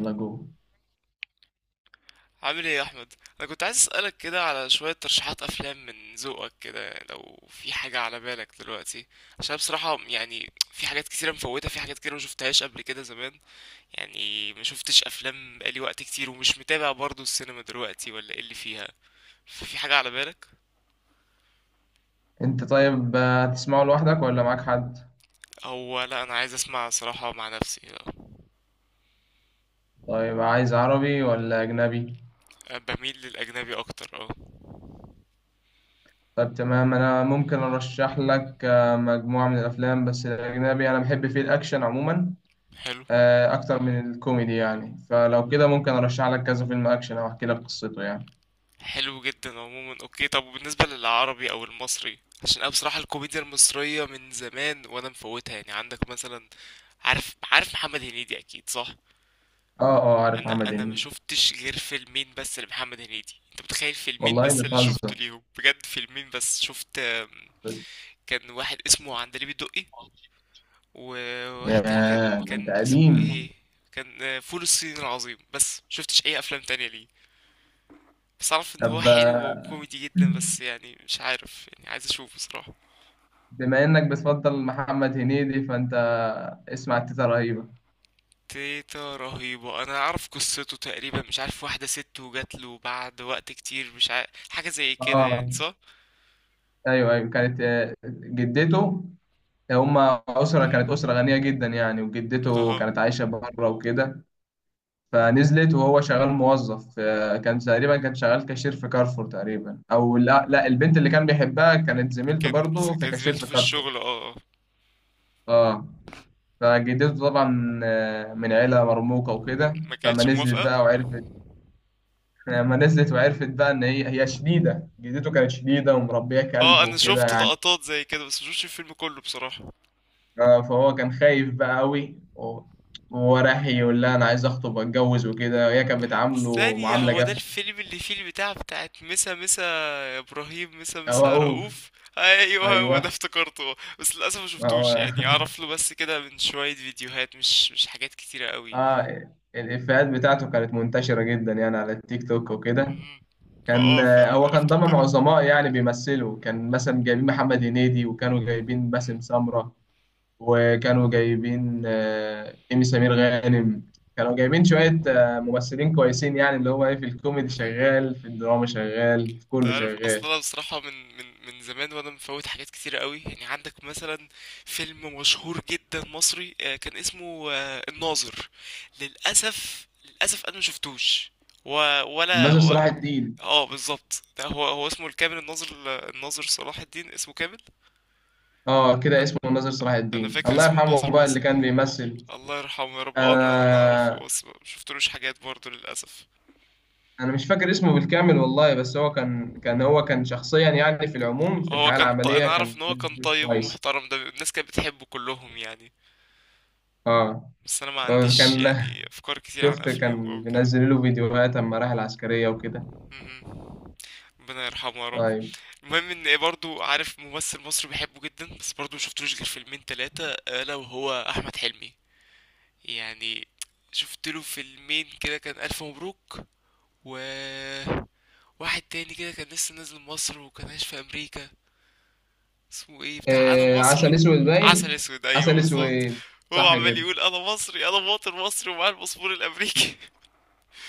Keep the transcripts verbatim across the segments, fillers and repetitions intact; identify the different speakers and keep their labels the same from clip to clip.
Speaker 1: يلا جو،
Speaker 2: عامل ايه يا احمد؟ انا كنت عايز اسالك كده على شويه ترشيحات افلام من ذوقك كده، لو في حاجه على بالك دلوقتي. عشان بصراحه يعني في حاجات كتيره مفوتة، في حاجات كتيره ما شفتهاش قبل كده زمان. يعني ما شفتش افلام بقالي وقت كتير ومش متابع برضو السينما دلوقتي ولا ايه اللي فيها. ففي حاجه على بالك؟
Speaker 1: انت طيب. آه، هتسمعه لوحدك ولا معاك حد؟
Speaker 2: او لا، انا عايز اسمع صراحه مع نفسي، لا.
Speaker 1: طيب، عايز عربي ولا اجنبي؟
Speaker 2: بميل للاجنبي اكتر، اه.
Speaker 1: طيب، تمام. انا ممكن ارشح لك آه، مجموعة من الافلام. بس الاجنبي انا بحب فيه الاكشن عموما،
Speaker 2: حلو.
Speaker 1: آه، اكتر من الكوميدي يعني. فلو كده ممكن ارشح لك كذا فيلم اكشن او احكي لك قصته يعني.
Speaker 2: حلو جدا عموما، اوكي. طب وبالنسبة للعربي او المصري، عشان انا بصراحة الكوميديا المصرية من زمان وانا مفوتها، يعني عندك مثلا؟ عارف عارف محمد هنيدي اكيد صح؟
Speaker 1: اه، اه، عارف
Speaker 2: انا
Speaker 1: محمد
Speaker 2: انا ما
Speaker 1: هنيدي.
Speaker 2: شفتش غير فيلمين بس لمحمد هنيدي، انت متخيل؟ فيلمين
Speaker 1: والله
Speaker 2: بس اللي شفته
Speaker 1: بتهزر؟
Speaker 2: ليهم بجد، فيلمين بس شفت آم، كان واحد اسمه عندليب الدقي. وواحد
Speaker 1: ياه،
Speaker 2: تاني كان
Speaker 1: ده انت
Speaker 2: كان اسمه
Speaker 1: قديم.
Speaker 2: ايه؟ كان آه، فول الصين العظيم، بس شفتش اي افلام تانية ليه. بس اعرف ان هو
Speaker 1: طب،
Speaker 2: حلو
Speaker 1: آه،
Speaker 2: وكوميدي جدا، بس يعني مش عارف، يعني عايز اشوفه بصراحة.
Speaker 1: بما انك بتفضل محمد هنيدي فانت اسمع تيتا رهيبة.
Speaker 2: تيتا رهيبة انا اعرف قصته تقريبا، مش عارف، واحدة ست وجات له بعد وقت كتير، مش عارف حاجة زي كده يعني،
Speaker 1: اه،
Speaker 2: صح؟
Speaker 1: ايوه، ايوه، كانت آه، جدته. هما اسره، كانت اسره
Speaker 2: مهم.
Speaker 1: غنيه جدا يعني، وجدته
Speaker 2: اها.
Speaker 1: كانت عايشه بره وكده. فنزلت وهو شغال موظف، آه، كان تقريبا، كان شغال كاشير في كارفور تقريبا، او لا لا، البنت اللي كان بيحبها كانت زميلته
Speaker 2: كان.
Speaker 1: برضه في
Speaker 2: كان
Speaker 1: كاشير
Speaker 2: زميلته
Speaker 1: في
Speaker 2: في
Speaker 1: كارفور.
Speaker 2: الشغل، اه. آه.
Speaker 1: اه، فجدته طبعا آه، من عيله مرموقه وكده.
Speaker 2: ما
Speaker 1: فما
Speaker 2: كانتش
Speaker 1: نزلت
Speaker 2: موافقة.
Speaker 1: بقى وعرفت، لما نزلت وعرفت بقى ان هي هي شديده، جدته كانت شديده ومربيه كلب
Speaker 2: اه انا
Speaker 1: وكده
Speaker 2: شفت
Speaker 1: يعني.
Speaker 2: لقطات زي كده بس مشوفش الفيلم كله بصراحة.
Speaker 1: آه، فهو كان خايف بقى قوي و- وهو راح يقول لها انا عايز اخطب واتجوز وكده، وهي كانت بتعامله
Speaker 2: ثانية،
Speaker 1: معامله
Speaker 2: هو ده
Speaker 1: جافه.
Speaker 2: الفيلم اللي فيه البتاع بتاعت مسا مسا؟ يا ابراهيم مسا
Speaker 1: هو
Speaker 2: مسا
Speaker 1: اوف.
Speaker 2: رؤوف. ايوه هو ده،
Speaker 1: ايوه،
Speaker 2: افتكرته. بس للاسف ما
Speaker 1: ما
Speaker 2: شفتوش،
Speaker 1: هو
Speaker 2: يعني اعرف له بس كده من شوية فيديوهات، مش مش حاجات كتيرة قوي.
Speaker 1: اه، الافيهات بتاعته كانت منتشره جدا يعني على التيك توك وكده.
Speaker 2: مم. ما
Speaker 1: كان
Speaker 2: اه
Speaker 1: آه،
Speaker 2: فعلا
Speaker 1: هو كان
Speaker 2: عرفته
Speaker 1: ضمن
Speaker 2: بكده.
Speaker 1: عظماء يعني بيمثلوا، كان مثلا جايبين محمد هنيدي، وكانوا جايبين باسم
Speaker 2: مم.
Speaker 1: سمره، وكانوا جايبين آه، إيمي سمير غانم. كانوا جايبين شوية آه، ممثلين كويسين، يعني اللي هو إيه، في الكوميدي
Speaker 2: مهم.
Speaker 1: شغال، في الدراما شغال، في
Speaker 2: انت
Speaker 1: كله
Speaker 2: عارف
Speaker 1: شغال.
Speaker 2: اصلا، انا بصراحة من من من زمان وانا مفوت حاجات كتيرة قوي، يعني عندك مثلا فيلم مشهور جدا مصري آه، كان اسمه آه، الناظر. للاسف للاسف انا مشفتوش و... ولا.
Speaker 1: ناصر صلاح الدين.
Speaker 2: اه بالظبط، ده هو هو اسمه الكامل الناظر. الناظر صلاح الدين اسمه كامل.
Speaker 1: اه، كده
Speaker 2: انا
Speaker 1: اسمه ناصر صلاح
Speaker 2: انا
Speaker 1: الدين،
Speaker 2: فاكر
Speaker 1: الله
Speaker 2: اسمه
Speaker 1: يرحمه
Speaker 2: الناظر
Speaker 1: بقى، اللي
Speaker 2: بس.
Speaker 1: كان بيمثل.
Speaker 2: الله يرحمه يا رب. اه انا انا اعرفه،
Speaker 1: انا
Speaker 2: بس ما شفتلوش حاجات برضه للاسف.
Speaker 1: انا مش فاكر اسمه بالكامل والله، بس هو كان كان هو كان شخصيا يعني، في العموم، في
Speaker 2: هو
Speaker 1: الحياة
Speaker 2: كان ط...
Speaker 1: العملية
Speaker 2: انا اعرف ان
Speaker 1: كان
Speaker 2: هو كان طيب
Speaker 1: كويس.
Speaker 2: ومحترم، ده الناس كانت بتحبه كلهم يعني.
Speaker 1: اه،
Speaker 2: بس انا ما
Speaker 1: آه،
Speaker 2: عنديش
Speaker 1: كان
Speaker 2: يعني افكار كتير عن
Speaker 1: شفت،
Speaker 2: افلامه او
Speaker 1: كان
Speaker 2: كده.
Speaker 1: منزل له فيديوهات اما راح العسكرية وكده.
Speaker 2: مهم. ربنا يرحمه يا رب.
Speaker 1: طيب.
Speaker 2: المهم ان برضو عارف ممثل مصري بحبه جدا بس برضو مشفتلوش غير فيلمين تلاتة الا وهو احمد حلمي. يعني شفت له فيلمين كده، كان ألف مبروك. و واحد تاني كده كان لسه نازل مصر وكان عايش في أمريكا، اسمه ايه، بتاع أنا
Speaker 1: آه
Speaker 2: مصري.
Speaker 1: عسل اسود
Speaker 2: عسل
Speaker 1: باين.
Speaker 2: أسود، أيوه
Speaker 1: عسل
Speaker 2: بالظبط.
Speaker 1: اسود،
Speaker 2: هو
Speaker 1: صح
Speaker 2: عمال
Speaker 1: كده.
Speaker 2: يقول أنا مصري، أنا مواطن مصري ومعايا الباسبور الأمريكي.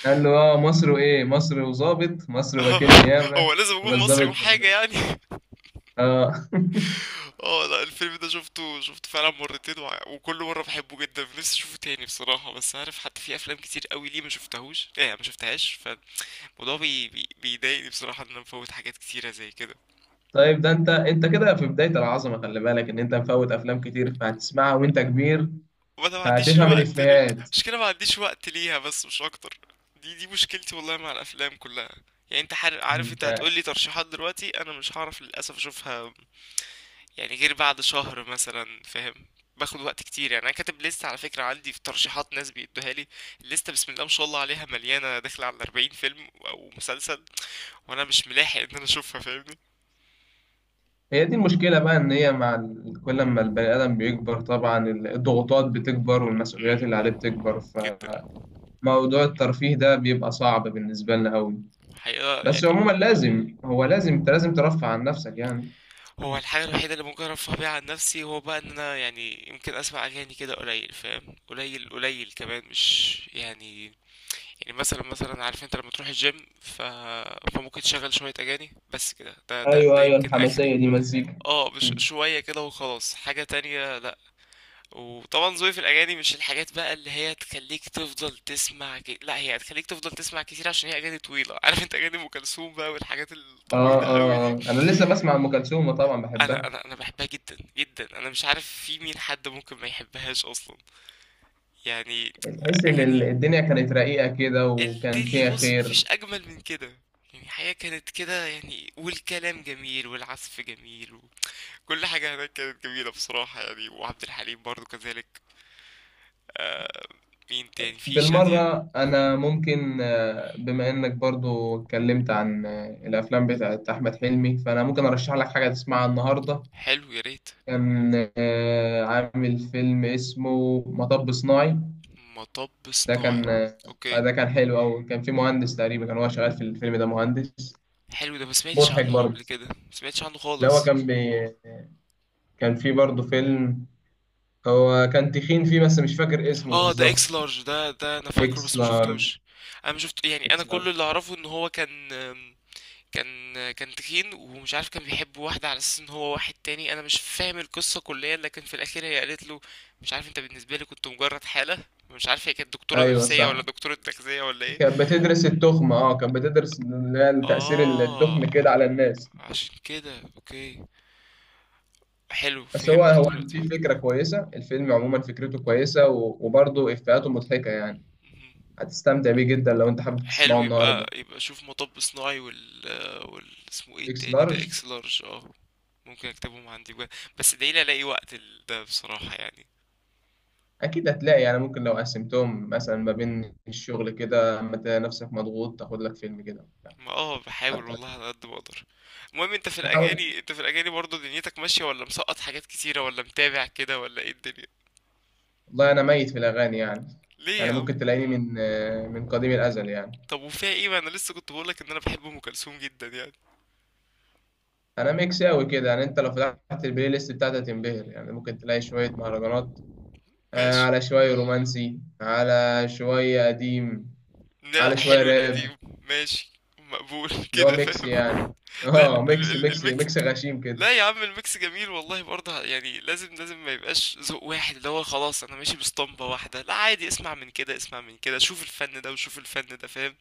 Speaker 1: قال له اه مصر، وايه مصر، وظابط مصر، وكيل
Speaker 2: آه، هو
Speaker 1: نيابه.
Speaker 2: لازم
Speaker 1: اما
Speaker 2: أكون مصري
Speaker 1: الظابط كان
Speaker 2: وحاجة
Speaker 1: ظابط.
Speaker 2: يعني.
Speaker 1: اه
Speaker 2: اه لا، الفيلم ده شفته شفته فعلا مرتين، وع- وكل مرة بحبه جدا، نفسي اشوفه تاني بصراحة. بس عارف، حتى في افلام كتير قوي ليه ما شفتهوش، ايه ما شفتهاش. الموضوع بي... بي... بيضايقني بصراحة، إن أنا بفوت حاجات كتيرة زي كده.
Speaker 1: طيب، ده انت انت كده في بدايه العظمه، خلي بالك ان انت مفوت افلام كتير فهتسمعها وانت كبير،
Speaker 2: وما أنا ما عنديش
Speaker 1: فهتفهم
Speaker 2: الوقت ل-
Speaker 1: الافيهات.
Speaker 2: مشكلة ما عنديش وقت ليها بس مش أكتر. دي دي مشكلتي والله مع الأفلام كلها. يعني أنت حر... عارف، أنت
Speaker 1: انت،
Speaker 2: هتقولي ترشيحات دلوقتي، أنا مش هعرف للأسف أشوفها، يعني غير بعد شهر مثلا، فاهم. باخد وقت كتير. يعني أنا كاتب لستة على فكرة، عندي في ترشيحات ناس بيدوها لي. الليستة بسم الله ما شاء الله عليها مليانة، داخلة على أربعين فيلم أو مسلسل، وأنا مش ملاحق إن أنا أشوفها، فاهمني؟
Speaker 1: هي دي المشكله بقى، ان هي مع ال- كل ما البني ادم بيكبر طبعا الضغوطات بتكبر
Speaker 2: مم،
Speaker 1: والمسؤوليات اللي عليه بتكبر.
Speaker 2: جدا.
Speaker 1: فموضوع الترفيه ده بيبقى صعب بالنسبه لنا قوي.
Speaker 2: حقيقة
Speaker 1: بس
Speaker 2: يعني.
Speaker 1: عموما لازم، هو لازم، انت لازم ترفع عن نفسك يعني.
Speaker 2: هو الحاجة الوحيدة اللي ممكن ارفه بيها عن نفسي هو بقى ان انا يعني يمكن اسمع اغاني كده قليل، فاهم، قليل قليل كمان، مش يعني. يعني مثلا مثلا عارف انت لما تروح الجيم ف... فممكن تشغل شوية اغاني بس كده، ده ده
Speaker 1: ايوه،
Speaker 2: ده
Speaker 1: ايوه،
Speaker 2: يمكن اخري.
Speaker 1: الحماسيه دي مزيكا.
Speaker 2: اه، مش
Speaker 1: مم.
Speaker 2: شوية كده وخلاص، حاجة تانية لا. وطبعا ذوقي في الأغاني مش الحاجات بقى اللي هي تخليك تفضل تسمع كي... لا، هي هتخليك تفضل تسمع كتير عشان هي أغاني طويلة. عارف انت، أغاني أم كلثوم بقى والحاجات
Speaker 1: اه،
Speaker 2: الطويلة
Speaker 1: اه،
Speaker 2: قوي دي.
Speaker 1: آه. انا لسه بسمع ام كلثوم طبعا
Speaker 2: انا
Speaker 1: بحبها.
Speaker 2: انا انا بحبها جدا جدا. انا مش عارف، في مين حد ممكن ما يحبهاش اصلا، يعني.
Speaker 1: تحس ان ال-
Speaker 2: اغاني.
Speaker 1: الدنيا كانت رقيقه كده وكان
Speaker 2: الدنيا
Speaker 1: فيها
Speaker 2: بص،
Speaker 1: خير.
Speaker 2: مفيش اجمل من كده. يعني الحياة كانت كده، يعني والكلام جميل والعزف جميل. وكل حاجة هناك كانت جميلة بصراحة يعني، وعبد الحليم برضو كذلك. مين تاني؟ في شادية.
Speaker 1: بالمره انا
Speaker 2: مهم.
Speaker 1: ممكن آه، بما انك برضو اتكلمت عن آه، الافلام بتاعت احمد حلمي، فانا ممكن ارشح لك حاجه تسمعها النهارده.
Speaker 2: حلو، يا ريت.
Speaker 1: كان آه، عامل فيلم اسمه مطب صناعي.
Speaker 2: مطب
Speaker 1: ده
Speaker 2: صناعي.
Speaker 1: كان آه،
Speaker 2: اوكي.
Speaker 1: ده كان حلو أوي، كان في مهندس تقريبا، كان هو شغال في الفيلم ده مهندس.
Speaker 2: حلو، ده ما سمعتش
Speaker 1: مضحك
Speaker 2: عنه
Speaker 1: برضه.
Speaker 2: قبل كده، ما سمعتش عنه
Speaker 1: اللي هو
Speaker 2: خالص.
Speaker 1: كان بي... كان في برضه فيلم هو كان تخين فيه، بس مش فاكر اسمه
Speaker 2: اه، ده اكس
Speaker 1: بالظبط.
Speaker 2: لارج، ده ده انا فاكره
Speaker 1: اكس
Speaker 2: بس ما
Speaker 1: لارج.
Speaker 2: شفتوش. انا ما شفت يعني، انا
Speaker 1: اكس
Speaker 2: كل
Speaker 1: لارج،
Speaker 2: اللي اعرفه ان هو كان. كان كان تخين، ومش عارف، كان بيحب واحدة على اساس ان هو واحد تاني، انا مش فاهم القصة كليا، لكن في الاخير هي قالت له مش عارف انت، بالنسبة لي كنت مجرد حالة. مش عارف هي كانت دكتورة
Speaker 1: ايوه
Speaker 2: نفسية ولا
Speaker 1: صح،
Speaker 2: دكتورة تغذية ولا ايه.
Speaker 1: كانت بتدرس التخمة. اه، كانت بتدرس اللي هي تأثير
Speaker 2: اه،
Speaker 1: التخم كده على الناس.
Speaker 2: عشان كده اوكي، حلو
Speaker 1: بس هو
Speaker 2: فهمت
Speaker 1: هو
Speaker 2: دلوقتي.
Speaker 1: في فكرة كويسة، الفيلم عموما فكرته كويسة، و- وبرضه إفيهاته مضحكة يعني.
Speaker 2: مهم.
Speaker 1: هتستمتع بيه جدا لو أنت حابب
Speaker 2: حلو،
Speaker 1: تسمعه
Speaker 2: يبقى
Speaker 1: النهاردة.
Speaker 2: يبقى شوف مطب صناعي وال. وال اسمه ايه
Speaker 1: إكس
Speaker 2: التاني ده؟
Speaker 1: لارج.
Speaker 2: اكس لارج، اه. ممكن اكتبهم عندي بجد. بس ادعيلي الاقي وقت ال- ده بصراحة يعني.
Speaker 1: اكيد هتلاقي يعني، ممكن لو قسمتهم مثلا ما بين الشغل كده اما تلاقي نفسك مضغوط تاخد لك فيلم كده.
Speaker 2: ما اه بحاول
Speaker 1: حتى
Speaker 2: والله على قد ما اقدر. المهم، انت في
Speaker 1: تحاول.
Speaker 2: الاغاني انت في الاغاني برضه دنيتك ماشية؟ ولا مسقط حاجات كتيرة ولا متابع كده ولا ايه الدنيا؟
Speaker 1: والله انا ميت في الاغاني يعني،
Speaker 2: ليه يا
Speaker 1: انا
Speaker 2: عم.
Speaker 1: ممكن تلاقيني من من قديم الازل يعني.
Speaker 2: طب وفيها ايه؟ ما انا لسه كنت بقولك ان انا بحب ام كلثوم جدا يعني.
Speaker 1: انا ميكس قوي كده يعني، انت لو فتحت البلاي ليست بتاعتي هتنبهر يعني، ممكن تلاقي شويه مهرجانات، آه،
Speaker 2: ماشي.
Speaker 1: على شويه رومانسي، على شويه قديم،
Speaker 2: لا، لا،
Speaker 1: على شويه
Speaker 2: حلو
Speaker 1: راب.
Speaker 2: القديم ماشي. مقبول
Speaker 1: اللي هو
Speaker 2: كده
Speaker 1: ميكس
Speaker 2: فاهم.
Speaker 1: يعني
Speaker 2: لا، لا،
Speaker 1: اه،
Speaker 2: ال-
Speaker 1: ميكس
Speaker 2: ال-
Speaker 1: ميكس
Speaker 2: الميكس.
Speaker 1: ميكس غشيم كده.
Speaker 2: لا يا عم، الميكس جميل والله برضه، يعني لازم لازم ما يبقاش ذوق واحد اللي هو خلاص انا ماشي باسطمبة واحدة. لا، عادي، اسمع من كده، اسمع من كده، شوف الفن ده وشوف الفن ده، فاهم؟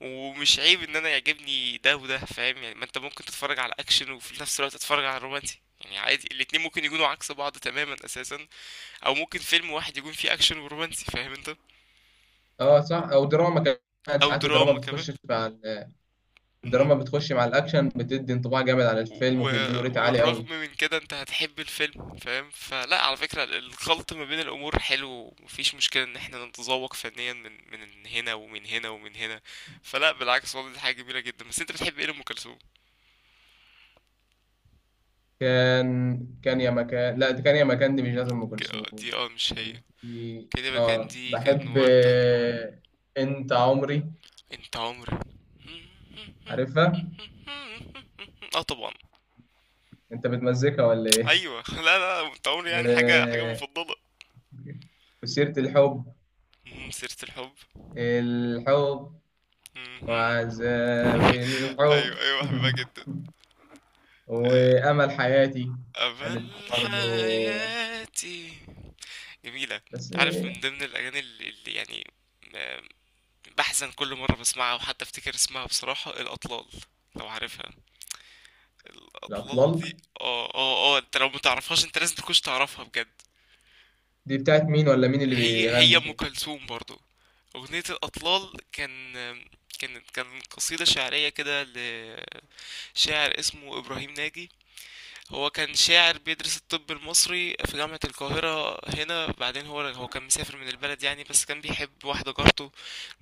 Speaker 2: ومش عيب ان انا يعجبني ده وده، فاهم يعني. ما انت ممكن تتفرج على اكشن وفي نفس الوقت تتفرج على رومانسي، يعني عادي، الاتنين ممكن يكونوا عكس بعض تماما اساسا. او ممكن فيلم واحد يكون فيه اكشن ورومانسي، فاهم انت.
Speaker 1: اه صح، او دراما كمان
Speaker 2: او
Speaker 1: ساعات، الدراما
Speaker 2: دراما كمان.
Speaker 1: بتخش في، الدراما بتخش مع الأكشن، بتدي انطباع جامد عن
Speaker 2: و...
Speaker 1: الفيلم وبتدي له ريت عالي
Speaker 2: والرغم
Speaker 1: قوي.
Speaker 2: من كده انت هتحب الفيلم، فاهم. فلا، على فكرة الخلط ما بين الامور حلو، ومفيش مشكلة ان احنا نتذوق فنيا من من هنا ومن هنا ومن هنا. فلا، بالعكس والله، دي حاجة جميلة جدا. بس انت بتحب ايه لأم كلثوم؟
Speaker 1: كان كان يا مكان، لا، ده كان يا مكان دي مش لازم أم
Speaker 2: ك-
Speaker 1: كلثوم،
Speaker 2: آه، دي اه مش هي.
Speaker 1: كان في.
Speaker 2: كده يبقى كان
Speaker 1: اه،
Speaker 2: دي، كان
Speaker 1: بحب
Speaker 2: وردة.
Speaker 1: آه، أنت عمري،
Speaker 2: انت عمري.
Speaker 1: عارفها.
Speaker 2: اه طبعا.
Speaker 1: أنت بتمزيكها ولا إيه؟
Speaker 2: ايوه لا لا، انت عمري
Speaker 1: و...
Speaker 2: يعني حاجة، حاجة مفضلة.
Speaker 1: وسيرة الحب،
Speaker 2: مم، سيرة الحب.
Speaker 1: الحب،
Speaker 2: مم.
Speaker 1: وعذاب الحب
Speaker 2: ايوه ايوه بحبها جدا.
Speaker 1: وأمل حياتي
Speaker 2: أمل
Speaker 1: كانت برضه،
Speaker 2: حياتي. جميلة.
Speaker 1: بس
Speaker 2: تعرف من
Speaker 1: إيه.
Speaker 2: ضمن الأغاني اللي اللي يعني م- بحزن كل مرة بسمعها، وحتى افتكر اسمها بصراحة، الأطلال، لو عارفها، الأطلال دي.
Speaker 1: الأطلال
Speaker 2: اه اه اه، انت لو متعرفهاش انت لازم تكونش تعرفها بجد.
Speaker 1: دي بتاعت مين، ولا مين اللي
Speaker 2: هي هي
Speaker 1: بيغني
Speaker 2: أم
Speaker 1: فيه؟
Speaker 2: كلثوم برضو. أغنية الأطلال كان كانت كان قصيدة شعرية كده لشاعر اسمه إبراهيم ناجي. هو كان شاعر بيدرس الطب المصري في جامعة القاهرة هنا، بعدين هو هو كان مسافر من البلد يعني، بس كان بيحب واحدة جارته.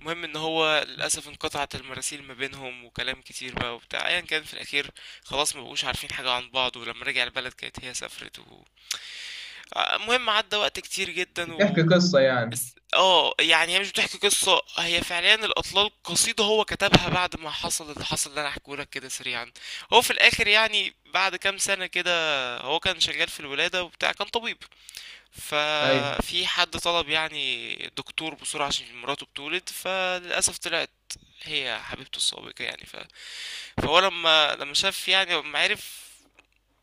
Speaker 2: المهم ان هو للأسف انقطعت المراسيل ما بينهم وكلام كتير بقى وبتاع ايا كان، في الأخير خلاص ما بقوش عارفين حاجة عن بعض. ولما رجع البلد كانت هي سافرت و... المهم عدى وقت كتير جدا
Speaker 1: بتحكي
Speaker 2: و...
Speaker 1: قصة يعني؟
Speaker 2: بس اه يعني هي مش بتحكي قصة، هي فعليا الأطلال قصيدة هو كتبها بعد ما حصل اللي حصل، اللي أنا هحكيهولك كده سريعا. هو في الآخر يعني بعد كام سنة كده، هو كان شغال في الولادة وبتاع، كان طبيب.
Speaker 1: أيوة.
Speaker 2: ففي حد طلب يعني دكتور بسرعة عشان مراته بتولد، فللأسف طلعت هي حبيبته السابقة يعني. ف... فهو لما لما شاف، يعني لما عرف،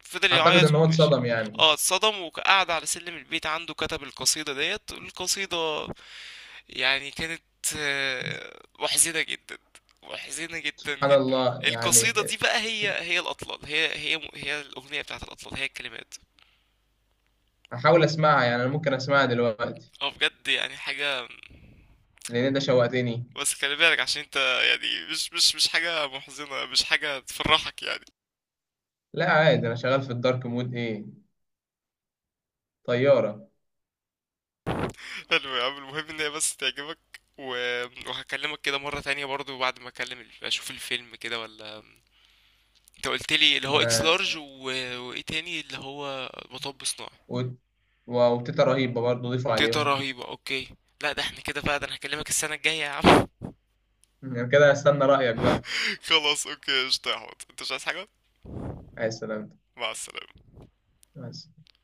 Speaker 2: فضل
Speaker 1: أعتقد
Speaker 2: يعيط
Speaker 1: إن هو
Speaker 2: وماشي.
Speaker 1: اتصدم يعني.
Speaker 2: اه اتصدم، وقعد على سلم البيت عنده، كتب القصيدة ديت القصيدة. يعني كانت آه، محزنة جدا، محزنة جدا
Speaker 1: سبحان
Speaker 2: جدا.
Speaker 1: الله يعني.
Speaker 2: القصيدة دي بقى، هي هي الأطلال، هي هي هي الأغنية بتاعت الأطلال، هي الكلمات.
Speaker 1: هحاول أسمعها يعني، أنا ممكن أسمعها دلوقتي،
Speaker 2: اه بجد يعني حاجة.
Speaker 1: لأن أنت شوقتني.
Speaker 2: بس خلي بالك عشان انت يعني، مش مش مش حاجة محزنة، مش حاجة تفرحك يعني.
Speaker 1: لا، عادي، أنا شغال في الدارك مود إيه، طيارة.
Speaker 2: حلو يا عم، المهم ان هي بس تعجبك. و... وهكلمك كده مرة تانية برضو بعد ما اكلم ال- اشوف الفيلم كده ولا. انت قلت لي اللي
Speaker 1: ما
Speaker 2: هو اكس
Speaker 1: أنا،
Speaker 2: لارج و... وايه تاني اللي هو مطب صناعي.
Speaker 1: و- و- وتيتا رهيبة برضه ضيفوا
Speaker 2: تيتا
Speaker 1: عليهم.
Speaker 2: رهيبة، اوكي. لا، ده احنا كده بقى، ده انا هكلمك السنة الجاية يا عم.
Speaker 1: يعني كده أستنى رأيك بقى.
Speaker 2: خلاص، اوكي قشطة يا حوت، انت مش عايز حاجة؟
Speaker 1: عايز سلامتك.
Speaker 2: مع السلامة.
Speaker 1: مع